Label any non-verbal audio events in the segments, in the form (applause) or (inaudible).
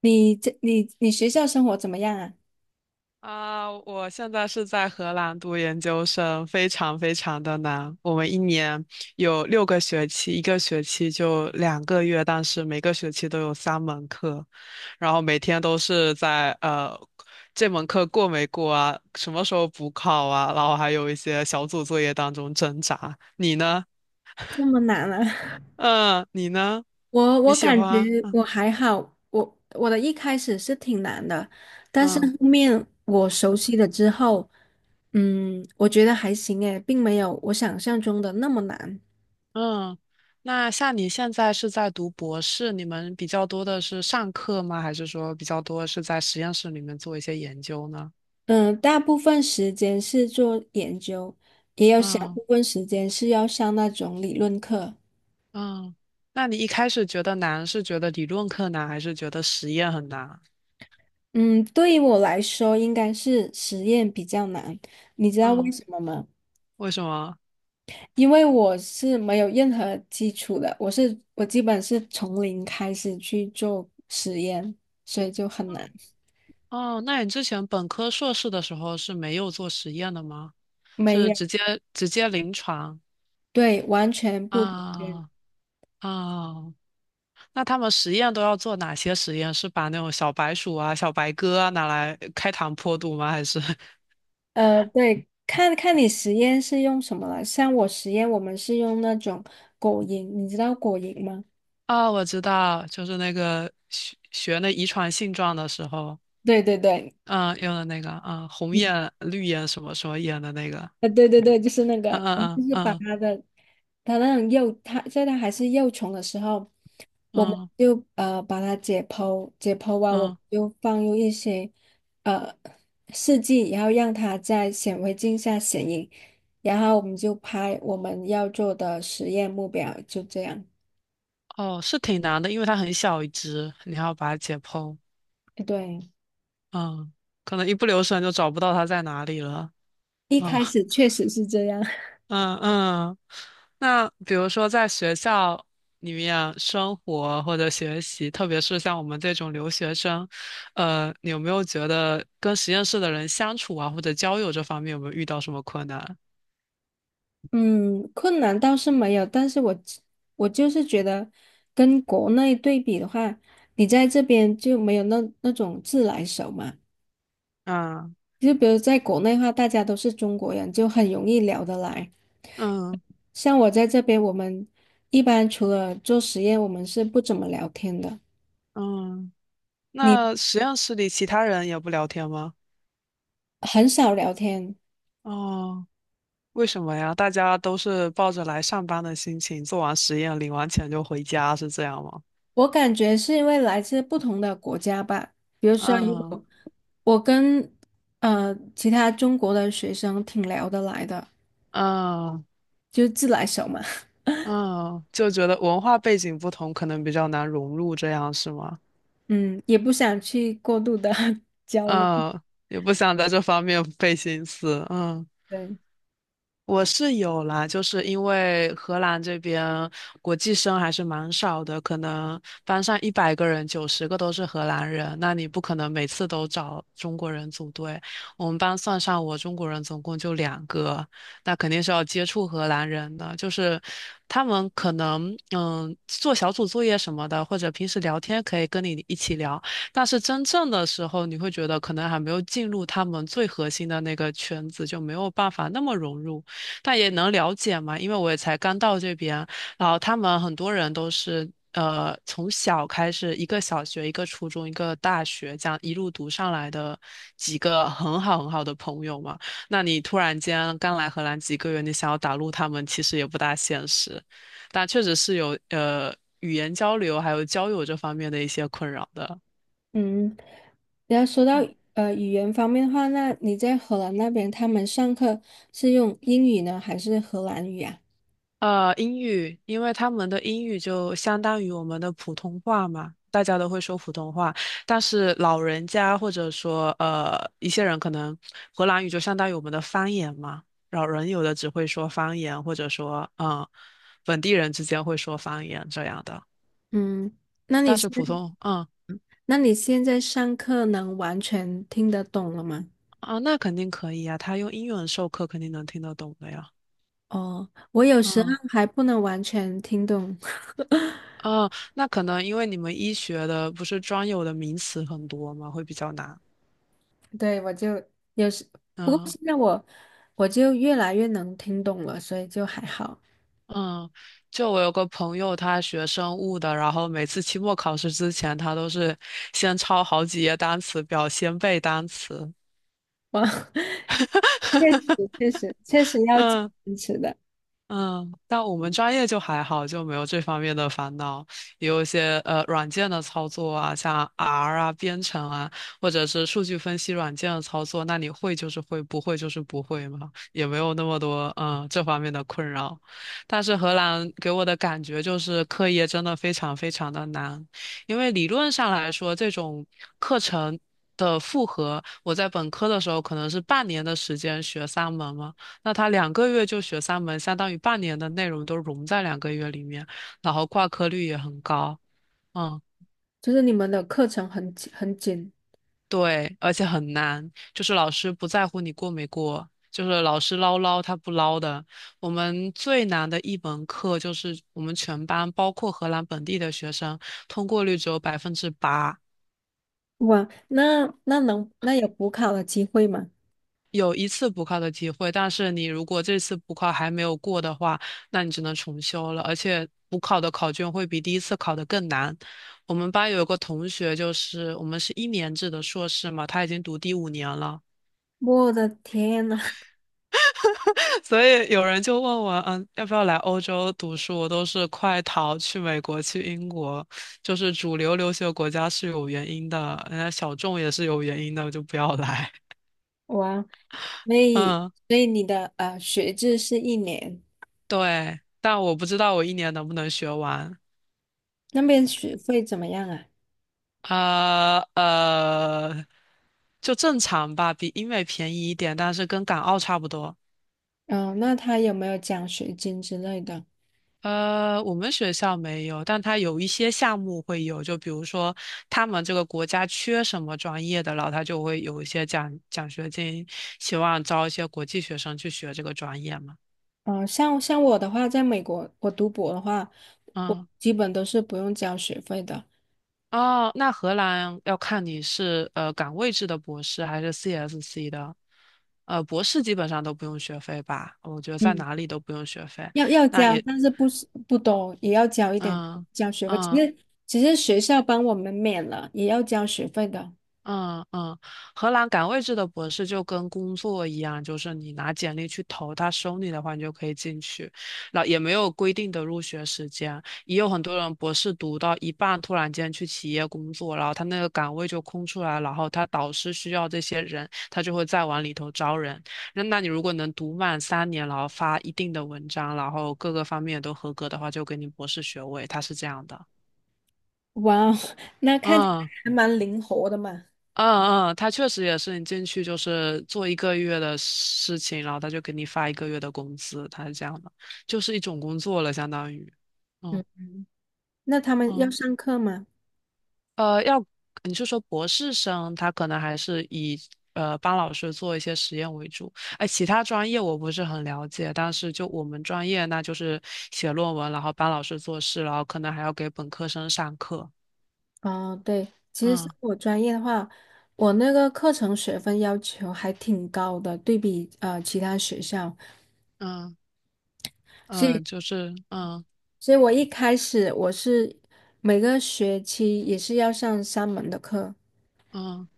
你这你你学校生活怎么样啊？啊，我现在是在荷兰读研究生，非常非常的难。我们一年有六个学期，一个学期就两个月，但是每个学期都有三门课，然后每天都是在这门课过没过啊，什么时候补考啊，然后还有一些小组作业当中挣扎。你呢？(laughs) 这么难啊！嗯，你呢？(laughs) 我你我喜感欢？觉我还好，我一开始是挺难的，但是嗯。后面我熟悉了之后，嗯，我觉得还行诶，并没有我想象中的那么难。嗯，那像你现在是在读博士，你们比较多的是上课吗？还是说比较多是在实验室里面做一些研究呢？嗯，大部分时间是做研究，也有小嗯部分时间是要上那种理论课。嗯，那你一开始觉得难，是觉得理论课难，还是觉得实验很难？嗯，对于我来说，应该是实验比较难。你知道为嗯，什么吗？为什么？因为我是没有任何基础的，我基本是从零开始去做实验，所以就很难。哦，那你之前本科、硕士的时候是没有做实验的吗？没是有，直接临床。对，完全不同源啊，啊，那他们实验都要做哪些实验？是把那种小白鼠啊、小白鸽啊拿来开膛破肚吗？还是 (laughs) 对，看看你实验是用什么了。像我实验，我们是用那种果蝇，你知道果蝇吗？啊，我知道，就是那个学那遗传性状的时候，对对对，嗯，用的那个，嗯，红嗯，眼、绿眼什么什么眼的那个，对对对，就是那个，嗯我们就嗯是把嗯它的它那种幼，它在它还是幼虫的时候。我们嗯就呃把它解剖，解剖完我嗯们嗯，就放入一些呃试剂，然后让它在显微镜下显影，然后我们就拍我们要做的实验目标，就这样。哦，是挺难的，因为它很小一只，你还要把它解剖，哎对，嗯，可能一不留神就找不到它在哪里了，一嗯。开始确实是这样。嗯嗯，那比如说在学校里面生活或者学习，特别是像我们这种留学生，你有没有觉得跟实验室的人相处啊，或者交友这方面有没有遇到什么困难？嗯，困难倒是没有，但是我就是觉得跟国内对比的话，你在这边就没有那种自来熟嘛。嗯就比如在国内的话，大家都是中国人，就很容易聊得来。嗯像我在这边，我们一般除了做实验，我们是不怎么聊天的。嗯，你那实验室里其他人也不聊天吗？很少聊天，哦，为什么呀？大家都是抱着来上班的心情，做完实验，领完钱就回家，是这样吗？我感觉是因为来自不同的国家吧。比如说，如嗯果我跟其他中国的学生挺聊得来的，嗯就自来熟嘛，嗯，就觉得文化背景不同，可能比较难融入，这样是吗？(laughs) 嗯，也不想去过度的 (laughs) 交流。嗯，也不想在这方面费心思。嗯。对，我是有啦，就是因为荷兰这边国际生还是蛮少的，可能班上100个人，90个都是荷兰人，那你不可能每次都找中国人组队。我们班算上我，中国人总共就两个，那肯定是要接触荷兰人的，就是他们可能嗯做小组作业什么的，或者平时聊天可以跟你一起聊，但是真正的时候，你会觉得可能还没有进入他们最核心的那个圈子，就没有办法那么融入。但也能了解嘛，因为我也才刚到这边，然后他们很多人都是从小开始，一个小学、一个初中、一个大学，这样一路读上来的几个很好很好的朋友嘛。那你突然间刚来荷兰几个月，你想要打入他们，其实也不大现实，但确实是有语言交流还有交友这方面的一些困扰的。嗯，然后说到嗯。语言方面的话，那你在荷兰那边，他们上课是用英语呢，还是荷兰语啊？英语，因为他们的英语就相当于我们的普通话嘛，大家都会说普通话。但是老人家或者说一些人，可能荷兰语就相当于我们的方言嘛。老人有的只会说方言，或者说嗯，本地人之间会说方言这样的。嗯，那你但是现普通，嗯。那你现在上课能完全听得懂了吗？啊，那肯定可以呀，他用英文授课肯定能听得懂的呀。哦，我有时候嗯还不能完全听懂，(laughs) 嗯，那可能因为你们医学的不是专有的名词很多嘛，会比较难。对，我就有时，不过嗯。现在我越来越能听懂了，所以就还好。嗯，就我有个朋友，他学生物的，然后每次期末考试之前，他都是先抄好几页单词表，先背单词。哇，(laughs) 确实确实要坚嗯。持的，嗯，但我们专业就还好，就没有这方面的烦恼。也有一些软件的操作啊，像 R 啊、编程啊，或者是数据分析软件的操作，那你会就是会，不会就是不会嘛，也没有那么多嗯这方面的困扰。但是荷兰给我的感觉就是课业真的非常非常的难，因为理论上来说，这种课程。的复合，我在本科的时候可能是半年的时间学三门嘛，那他两个月就学三门，相当于半年的内容都融在两个月里面，然后挂科率也很高。嗯，就是你们的课程很紧很紧。对，而且很难，就是老师不在乎你过没过，就是老师唠唠他不唠的。我们最难的一门课就是我们全班包括荷兰本地的学生通过率只有8%，哇，那有补考的机会吗？有一次补考的机会，但是你如果这次补考还没有过的话，那你只能重修了。而且补考的考卷会比第一次考的更难。我们班有一个同学，就是我们是一年制的硕士嘛，他已经读第五年了，我的天呐，(laughs) (laughs) 所以有人就问我，嗯，要不要来欧洲读书？我都是快逃去美国、去英国，就是主流留学国家是有原因的，人家小众也是有原因的，我就不要来。哇！(laughs) 所以，嗯，所以你的学制是一年，对，但我不知道我一年能不能学完。那边学费怎么样啊？呃呃，就正常吧，比英美便宜一点，但是跟港澳差不多。嗯、那他有没有奖学金之类的？我们学校没有，但它有一些项目会有，就比如说他们这个国家缺什么专业的，然后他就会有一些奖学金，希望招一些国际学生去学这个专业嘛。嗯、像我的话，在美国我读博的话，我嗯。基本都是不用交学费的。哦，那荷兰要看你是岗位制的博士还是 CSC 的，博士基本上都不用学费吧？我觉得在嗯，哪里都不用学费。要那交，也，但是不是不多，也要交一点嗯交学费。其嗯，实学校帮我们免了，也要交学费的。嗯嗯，荷兰岗位制的博士就跟工作一样，就是你拿简历去投，他收你的话，你就可以进去。然后也没有规定的入学时间，也有很多人博士读到一半，突然间去企业工作，然后他那个岗位就空出来，然后他导师需要这些人，他就会再往里头招人。那你如果能读满3年，然后发一定的文章，然后各个方面都合格的话，就给你博士学位，他是这样的。哇哦，(laughs) 那看起来嗯，还蛮灵活的嘛。嗯嗯，他确实也是，你进去就是做一个月的事情，然后他就给你发一个月的工资，他是这样的，就是一种工作了，相当于。嗯，嗯那他们要嗯，上课吗？要你是说博士生，他可能还是以帮老师做一些实验为主。哎，其他专业我不是很了解，但是就我们专业，那就是写论文，然后帮老师做事，然后可能还要给本科生上课。哦，对，其实是嗯我专业的话，我那个课程学分要求还挺高的，对比其他学校，嗯所嗯，以就是嗯所以我一开始是每个学期也是要上3门的课，嗯。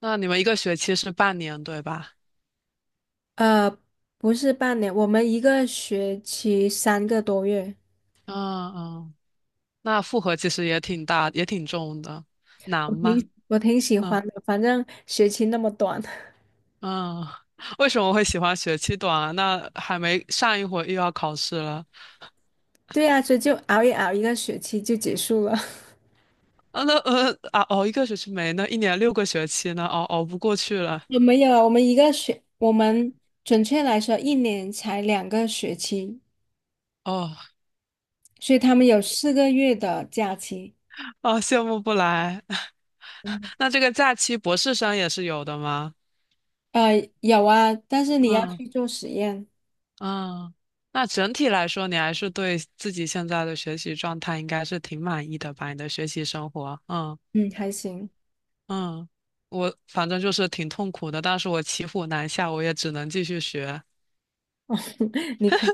那你们一个学期是半年，对吧？呃，不是半年，我们一个学期3个多月，嗯嗯，那负荷其实也挺大，也挺重的，难我吗？挺我挺喜嗯欢的，反正学期那么短，嗯，(laughs) 为什么会喜欢学期短啊？那还没上一会儿又要考试了，(laughs) 对啊，所以就熬一熬，一个学期就结束了。啊，那啊，熬一个学期没呢，一年六个学期呢，熬不过去了，我没有啊，我们准确来说，一年才2个学期，哦所以他们有4个月的假期。哦，羡慕不来。(laughs) 嗯那这个假期博士生也是有的吗？呃，有啊，但是你要嗯。去做实验，嗯，那整体来说，你还是对自己现在的学习状态应该是挺满意的吧？你的学习生活，嗯。嗯，还行。嗯，我反正就是挺痛苦的，但是我骑虎难下，我也只能继续学。(laughs) 你可，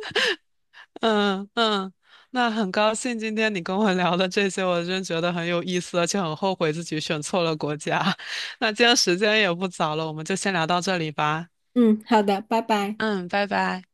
嗯嗯，那很高兴今天你跟我聊的这些，我真觉得很有意思，而且很后悔自己选错了国家。(laughs) 那今天时间也不早了，我们就先聊到这里吧。嗯，好的，拜拜。嗯，拜拜。